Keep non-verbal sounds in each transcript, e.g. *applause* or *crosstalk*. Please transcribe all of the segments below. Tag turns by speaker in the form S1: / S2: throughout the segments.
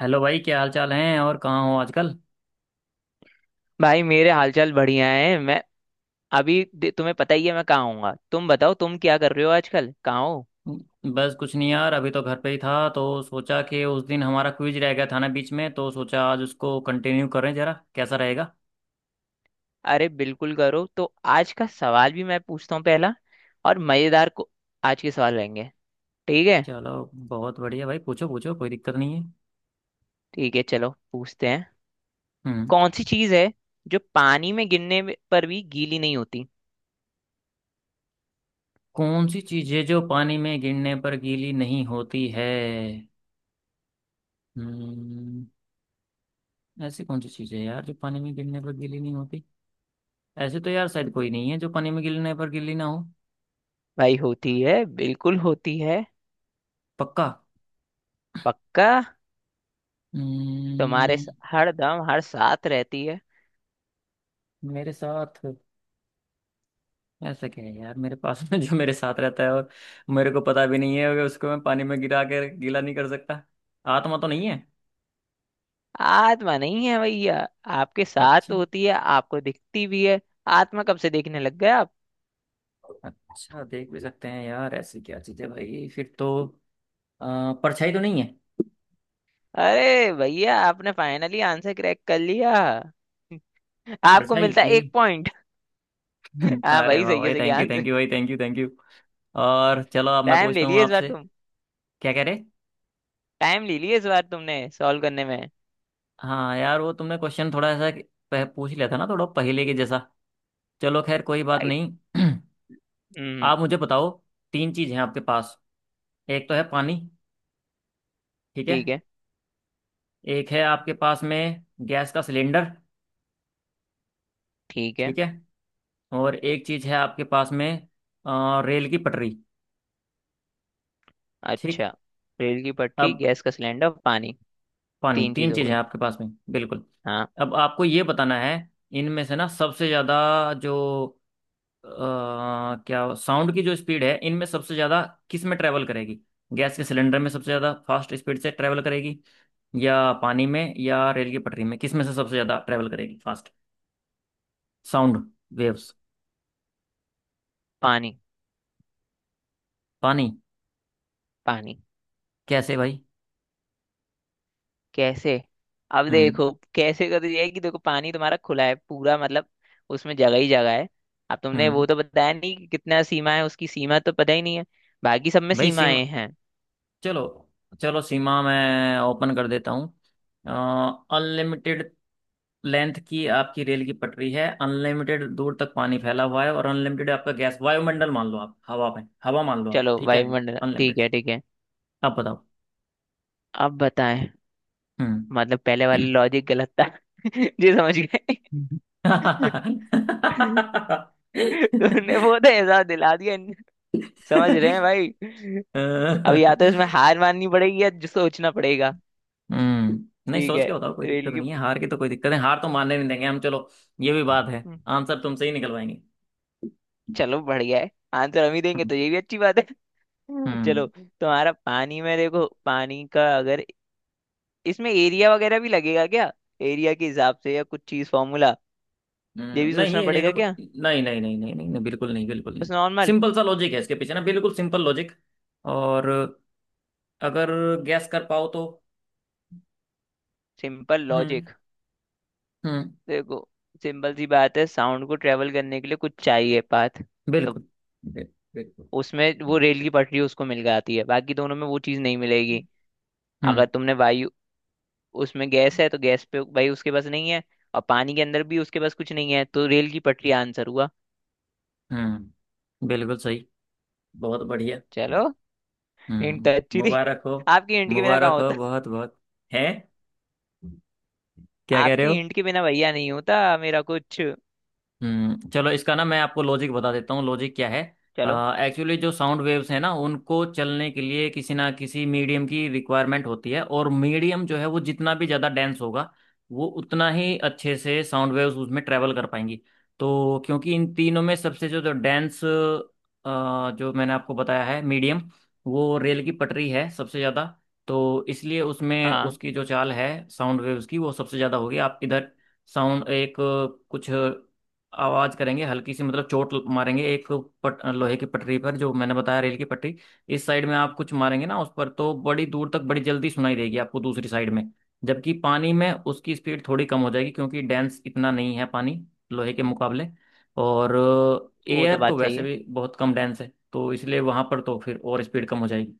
S1: Hello भाई, क्या हाल चाल हैं और कहाँ हो आजकल?
S2: भाई मेरे हालचाल बढ़िया है। मैं अभी तुम्हें पता ही है मैं कहाँ हूँगा। तुम बताओ, तुम क्या कर रहे हो आजकल, कहाँ हो?
S1: बस कुछ नहीं यार, अभी तो घर पे ही था तो सोचा कि उस दिन हमारा क्विज रह गया था ना बीच में, तो सोचा आज उसको कंटिन्यू करें, जरा कैसा रहेगा।
S2: अरे बिल्कुल करो। तो आज का सवाल भी मैं पूछता हूँ पहला और मजेदार को आज के सवाल रहेंगे, ठीक है?
S1: चलो बहुत बढ़िया भाई, पूछो पूछो, कोई दिक्कत नहीं है।
S2: ठीक है, चलो पूछते हैं।
S1: हम्म।
S2: कौन सी चीज़ है जो पानी में पर भी गीली नहीं होती?
S1: कौन सी चीजें जो पानी में गिरने पर गीली नहीं होती है? हम्म। ऐसी कौन सी चीजें हैं यार जो पानी में गिरने पर गीली नहीं होती? ऐसे तो यार शायद कोई नहीं है जो पानी में गिरने पर गीली ना हो।
S2: भाई होती है, बिल्कुल होती है।
S1: पक्का?
S2: पक्का। तुम्हारे
S1: हम्म।
S2: हर दम हर साथ रहती है।
S1: मेरे साथ? ऐसा क्या है यार मेरे पास में जो मेरे साथ रहता है, और मेरे को पता भी नहीं है कि उसको मैं पानी में गिरा कर गीला नहीं कर सकता। आत्मा तो नहीं है?
S2: आत्मा नहीं है भैया। आपके साथ तो
S1: अच्छा।
S2: होती है, आपको दिखती भी है। आत्मा कब से देखने लग गए आप?
S1: अच्छा, देख भी सकते हैं? यार ऐसी क्या चीज है भाई फिर तो। परछाई तो नहीं है?
S2: अरे भैया, आपने फाइनली आंसर क्रैक कर लिया। आपको
S1: परछाई,
S2: मिलता है
S1: यही।
S2: एक पॉइंट। *laughs*
S1: *laughs*
S2: हाँ
S1: अरे
S2: भाई,
S1: वाह
S2: सही है,
S1: भाई,
S2: सही है
S1: थैंक यू
S2: आंसर।
S1: भाई, थैंक यू थैंक यू। और चलो, अब मैं
S2: टाइम ले
S1: पूछता हूँ
S2: लिए इस बार
S1: आपसे।
S2: तुम।
S1: क्या कह रहे?
S2: टाइम ले लिए इस बार तुमने सॉल्व करने में।
S1: हाँ यार, वो तुमने क्वेश्चन थोड़ा ऐसा पूछ लिया था ना, थोड़ा पहले के जैसा। चलो खैर, कोई बात
S2: भाई।
S1: नहीं। *clears throat*
S2: हम्म।
S1: आप मुझे बताओ। तीन चीज हैं आपके पास। एक तो है पानी। ठीक है।
S2: ठीक है।
S1: एक है आपके पास में गैस का सिलेंडर।
S2: ठीक है।
S1: ठीक है। और एक चीज है आपके पास में, रेल की पटरी। ठीक।
S2: अच्छा। रेल की पटरी,
S1: अब
S2: गैस का सिलेंडर, पानी।
S1: पानी,
S2: तीन
S1: तीन
S2: चीज हो
S1: चीज है
S2: गई।
S1: आपके पास में बिल्कुल।
S2: हाँ।
S1: अब आपको ये बताना है, इनमें से ना सबसे ज्यादा जो अ, क्या साउंड की जो स्पीड है, इनमें सबसे ज्यादा किस में ट्रेवल करेगी? गैस के सिलेंडर में सबसे ज्यादा फास्ट स्पीड से ट्रेवल करेगी, या पानी में, या रेल की पटरी में, किस में से सबसे ज्यादा ट्रेवल करेगी फास्ट साउंड वेव्स?
S2: पानी।
S1: पानी?
S2: पानी।
S1: कैसे भाई?
S2: कैसे? अब
S1: हम्म।
S2: देखो कैसे कर दिया है कि देखो, पानी तुम्हारा खुला है पूरा मतलब। उसमें जगह ही जगह है। अब तुमने वो
S1: हम्म।
S2: तो बताया नहीं कि कितना सीमा है, उसकी सीमा तो पता ही नहीं है। बाकी सब में
S1: भाई सीमा।
S2: सीमाएं हैं।
S1: चलो चलो, सीमा मैं ओपन कर देता हूँ। अनलिमिटेड लेंथ की आपकी रेल की पटरी है, अनलिमिटेड दूर तक पानी फैला हुआ है, और अनलिमिटेड आपका गैस वायुमंडल मान लो, आप हवा में, हवा मान लो आप,
S2: चलो
S1: ठीक है?
S2: वायुमंडल, ठीक
S1: अनलिमिटेड।
S2: है ठीक है।
S1: आप बताओ।
S2: अब बताएं?
S1: हम्म।
S2: मतलब पहले वाला लॉजिक गलत था। *laughs* जी समझ गए। *laughs* तुमने वो तो एहसास दिला दिया। समझ रहे हैं भाई। अब या तो इसमें
S1: *laughs*
S2: हार माननी पड़ेगी या जो सोचना पड़ेगा।
S1: हम्म, नहीं,
S2: ठीक
S1: सोच
S2: है।
S1: के बताओ, कोई
S2: रेल
S1: दिक्कत नहीं है, हार की तो कोई दिक्कत है, हार तो मानने नहीं देंगे हम, चलो। ये भी बात है,
S2: की।
S1: आंसर तुमसे ही निकलवाएंगे।
S2: चलो बढ़िया है, आंसर हम ही देंगे
S1: हम्म।
S2: तो ये भी अच्छी बात है। *laughs* चलो
S1: हम्म।
S2: तुम्हारा पानी में, देखो पानी का अगर इसमें एरिया वगैरह भी लगेगा क्या? एरिया के हिसाब से या कुछ चीज फॉर्मूला? ये भी
S1: नहीं
S2: सोचना
S1: ये एरिया का
S2: पड़ेगा क्या?
S1: कोई नहीं, नहीं नहीं नहीं नहीं नहीं, बिल्कुल नहीं, बिल्कुल
S2: बस
S1: नहीं।
S2: नॉर्मल।
S1: सिंपल सा लॉजिक है इसके पीछे ना, बिल्कुल सिंपल लॉजिक। और अगर गैस कर पाओ तो।
S2: Simple
S1: hmm.
S2: लॉजिक।
S1: हम्म।
S2: देखो, सिंपल सी बात है, साउंड को ट्रेवल करने के लिए कुछ चाहिए पाथ। तो
S1: बिल्कुल। बिल- बिल्कुल।
S2: उसमें वो रेल की पटरी उसको मिल जाती है, बाकी दोनों में वो चीज नहीं मिलेगी। अगर
S1: हम्म।
S2: तुमने वायु, उसमें गैस है तो गैस पे भाई उसके पास नहीं है। और पानी के अंदर भी उसके पास कुछ नहीं है, तो रेल की पटरी आंसर हुआ।
S1: हम्म। बिल्कुल सही। बहुत बढ़िया।
S2: चलो। हिंट अच्छी थी।
S1: मुबारक हो।
S2: आपकी हिंट के बिना कहाँ
S1: मुबारक हो,
S2: होता।
S1: बहुत बहुत। है? क्या कह रहे
S2: आपकी
S1: हो?
S2: हिंट के बिना भैया नहीं होता मेरा कुछ।
S1: चलो, इसका ना मैं आपको लॉजिक बता देता हूँ, लॉजिक क्या है।
S2: चलो।
S1: एक्चुअली जो साउंड वेव्स हैं ना, उनको चलने के लिए किसी ना किसी मीडियम की रिक्वायरमेंट होती है, और मीडियम जो है वो जितना भी ज़्यादा डेंस होगा, वो उतना ही अच्छे से साउंड वेव्स उसमें ट्रैवल कर पाएंगी। तो क्योंकि इन तीनों में सबसे जो जो डेंस, जो मैंने आपको बताया है मीडियम, वो रेल की पटरी है सबसे ज़्यादा। तो इसलिए उसमें
S2: हाँ,
S1: उसकी जो चाल है साउंड वेव्स की, वो सबसे ज़्यादा होगी। आप इधर साउंड एक कुछ आवाज करेंगे हल्की सी, मतलब चोट मारेंगे एक लोहे की पटरी पर, जो मैंने बताया रेल की पटरी। इस साइड में आप कुछ मारेंगे ना उस पर, तो बड़ी दूर तक बड़ी जल्दी सुनाई देगी आपको दूसरी साइड में। जबकि पानी में उसकी स्पीड थोड़ी कम हो जाएगी, क्योंकि डेंस इतना नहीं है पानी लोहे के मुकाबले। और
S2: वो तो
S1: एयर तो
S2: बात सही
S1: वैसे
S2: है।
S1: भी बहुत कम डेंस है, तो इसलिए वहां पर तो फिर और स्पीड कम हो जाएगी।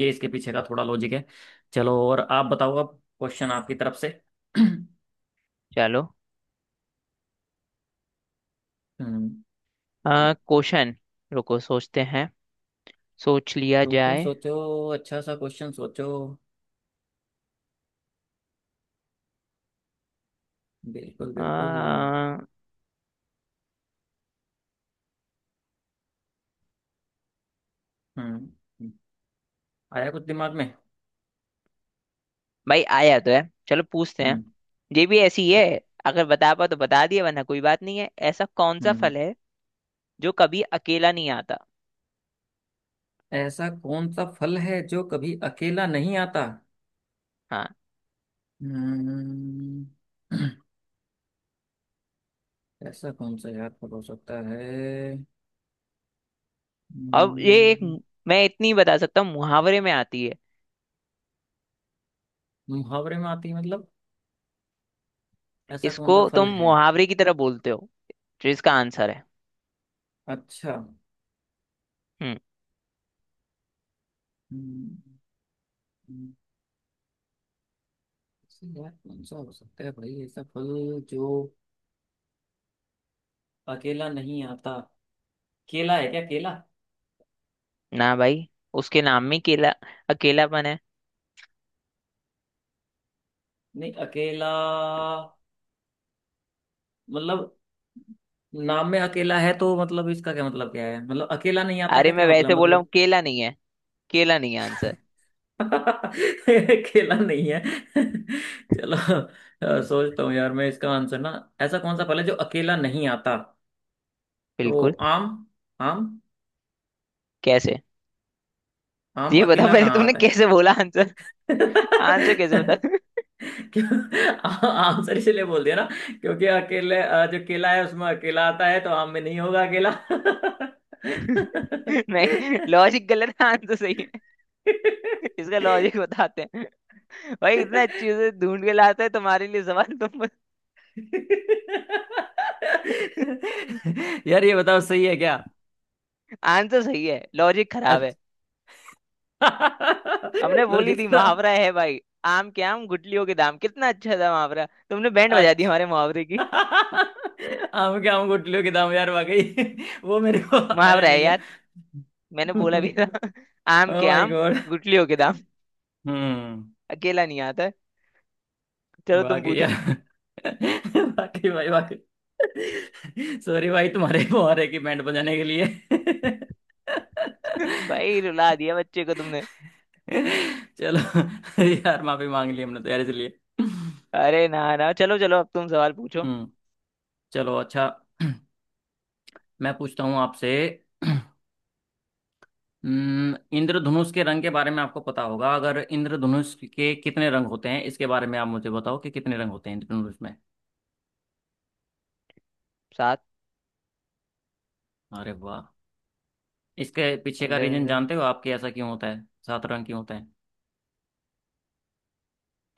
S1: ये इसके पीछे का थोड़ा लॉजिक है। चलो, और आप बताओ, अब क्वेश्चन आपकी तरफ से। *clears throat*
S2: चलो।
S1: हम्म।
S2: क्वेश्चन। रुको, सोचते हैं। सोच लिया
S1: सोचो
S2: जाए।
S1: सोचो, अच्छा सा क्वेश्चन सोचो। बिल्कुल बिल्कुल।
S2: आ,
S1: हम्म। हम्म। आया कुछ दिमाग में?
S2: भाई आया तो है। चलो पूछते हैं।
S1: हम्म।
S2: ये भी ऐसी है, अगर बता पाओ तो बता दिया, वरना कोई बात नहीं है। ऐसा कौन सा
S1: हम्म।
S2: फल है जो कभी अकेला नहीं आता?
S1: ऐसा कौन सा फल है जो कभी अकेला नहीं आता?
S2: हाँ।
S1: हम्म। *clears throat* ऐसा कौन सा यार फल हो सकता है?
S2: और ये एक,
S1: हम्म।
S2: मैं इतनी बता सकता हूँ, मुहावरे में आती है।
S1: मुहावरे में आती है मतलब? ऐसा कौन
S2: इसको
S1: सा फल
S2: तुम
S1: है?
S2: मुहावरे की तरह बोलते हो जो इसका आंसर है।
S1: अच्छा।
S2: हम्म।
S1: हम्म। हम्म। ऐसे यार कौन सा हो सकता है भाई, ऐसा फल जो अकेला नहीं आता। केला है क्या, केला?
S2: ना भाई, उसके नाम में केला अकेलापन है।
S1: नहीं अकेला, मतलब नाम में अकेला है, तो मतलब इसका क्या मतलब क्या है, मतलब अकेला नहीं आता
S2: अरे
S1: का
S2: मैं
S1: क्या
S2: वैसे
S1: मतलब,
S2: बोला हूँ,
S1: मतलब।
S2: केला नहीं है। केला नहीं है आंसर।
S1: *laughs* अकेला नहीं है। *laughs* चलो, सोचता हूँ यार मैं इसका आंसर ना। ऐसा कौन सा फल है जो अकेला नहीं आता? तो
S2: बिल्कुल।
S1: आम। आम।
S2: कैसे?
S1: आम
S2: ये बता
S1: अकेला
S2: पहले
S1: कहाँ
S2: तुमने
S1: आता है।
S2: कैसे बोला आंसर?
S1: *laughs*
S2: आंसर *laughs* कैसे बता?
S1: क्यों, आंसर इसलिए बोल दिया ना, क्योंकि अकेले जो केला है उसमें अकेला आता है, तो आम में नहीं होगा अकेला।
S2: *laughs* नहीं,
S1: *laughs*
S2: लॉजिक गलत है, आंसर सही है। इसका
S1: *laughs*
S2: लॉजिक बताते हैं। भाई इतना अच्छे से ढूंढ के लाते हैं तुम्हारे लिए सवाल, तुम *laughs*
S1: यार ये बताओ, सही है क्या?
S2: आंसर सही है, लॉजिक खराब है।
S1: अच्छा।
S2: हमने
S1: *laughs*
S2: बोली
S1: लॉजिक
S2: थी
S1: खराब।
S2: मुहावरा है भाई। आम के आम गुठलियों के दाम, कितना अच्छा था मुहावरा, तुमने बैंड बजा दी
S1: अच्छा।
S2: हमारे मुहावरे की।
S1: *laughs* आम के आम गुठलियों के दाम, यार वाकई *laughs* वो मेरे को आया
S2: मुहावरा है
S1: नहीं है।
S2: यार, मैंने
S1: *laughs*
S2: बोला भी था।
S1: ओह
S2: *laughs* आम के
S1: माय
S2: आम
S1: गॉड।
S2: गुठलियों के दाम।
S1: हम्म।
S2: अकेला नहीं आता है। चलो तुम
S1: वाकई यार।
S2: पूछो।
S1: *laughs* वाकई भाई, वाकई। *laughs* सॉरी भाई, तुम्हारे को और है कि बैंड बजाने के लिए?
S2: *laughs* भाई रुला
S1: *laughs*
S2: दिया बच्चे को तुमने।
S1: *laughs* चलो, यार माफी मांग ली हमने तो यार, इसलिए।
S2: अरे ना ना, चलो चलो, अब तुम सवाल पूछो।
S1: हम्म। चलो अच्छा। *clears throat* मैं पूछता हूँ आपसे। *clears throat* इंद्रधनुष के रंग के बारे में आपको पता होगा, अगर इंद्रधनुष के कितने रंग होते हैं, इसके बारे में आप मुझे बताओ कि कितने रंग होते हैं इंद्रधनुष में?
S2: सात।
S1: अरे वाह। इसके पीछे का रीजन
S2: इंद्र,
S1: जानते हो आपके, ऐसा क्यों होता है, सात रंग क्यों होता है?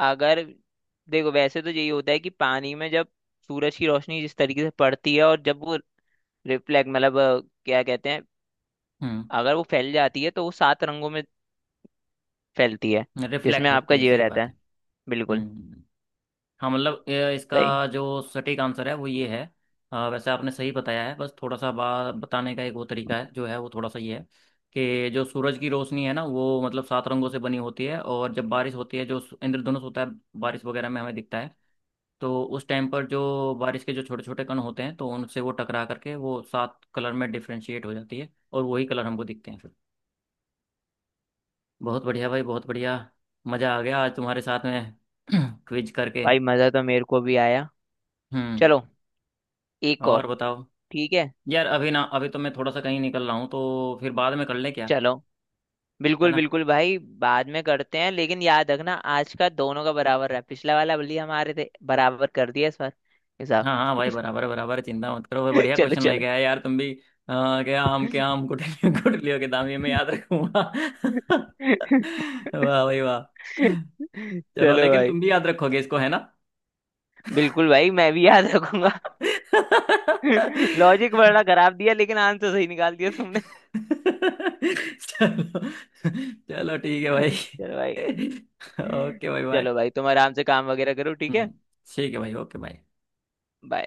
S2: अगर, देखो वैसे तो यही होता है कि पानी में जब सूरज की रोशनी जिस तरीके से पड़ती है, और जब वो रिफ्लेक्ट मतलब क्या कहते हैं,
S1: हम्म।
S2: अगर वो फैल जाती है तो वो सात रंगों में फैलती है। जिसमें
S1: रिफ्लेक्ट होती
S2: आपका
S1: है,
S2: जीव
S1: सही
S2: रहता
S1: बात है।
S2: है। बिल्कुल।
S1: हम्म। हाँ मतलब ये
S2: सही।
S1: इसका जो सटीक आंसर है वो ये है। वैसे आपने सही बताया है, बस थोड़ा सा बा बताने का एक वो तरीका है जो है, वो थोड़ा सा ये है, कि जो सूरज की रोशनी है ना, वो मतलब सात रंगों से बनी होती है, और जब बारिश होती है, जो इंद्रधनुष होता है बारिश वगैरह में हमें दिखता है, तो उस टाइम पर जो बारिश के जो छोटे छोटे कण होते हैं, तो उनसे वो टकरा करके वो सात कलर में डिफ्रेंशिएट हो जाती है, और वही कलर हमको दिखते हैं फिर। बहुत बढ़िया भाई, बहुत बढ़िया। मज़ा आ गया आज तुम्हारे साथ में *clears throat* क्विज करके।
S2: भाई मजा तो मेरे को भी आया।
S1: हम्म।
S2: चलो, एक
S1: और
S2: और।
S1: बताओ।
S2: ठीक है।
S1: यार अभी ना, अभी तो मैं थोड़ा सा कहीं निकल रहा हूँ, तो फिर बाद में कर ले क्या?
S2: चलो,
S1: है
S2: बिल्कुल
S1: ना।
S2: बिल्कुल भाई, बाद में करते हैं, लेकिन याद रखना आज का दोनों का बराबर रहा। पिछला वाला बल्ली हमारे थे, बराबर कर दिया इस बार। हिसाब।
S1: हाँ हाँ भाई, बराबर बराबर, चिंता मत करो भाई,
S2: *laughs*
S1: बढ़िया
S2: चलो
S1: क्वेश्चन
S2: चलो।
S1: लेके आया यार तुम भी, क्या आम के आम गुठलियों गुठलियों के दाम, ये मैं याद
S2: *laughs*
S1: रखूंगा। *laughs* वाह भाई वाह। चलो,
S2: चलो
S1: लेकिन
S2: भाई,
S1: तुम भी याद रखोगे इसको, है ना?
S2: बिल्कुल भाई, मैं भी याद रखूंगा।
S1: *laughs*
S2: *laughs* लॉजिक बड़ा खराब दिया, लेकिन आंसर सही निकाल दिया तुमने।
S1: चलो चलो, ठीक है भाई,
S2: *laughs* चलो भाई।
S1: *laughs* ओके भाई बाय।
S2: चलो भाई, तुम आराम से काम वगैरह करो, ठीक है।
S1: हम्म। ठीक है भाई, ओके बाय।
S2: Bye.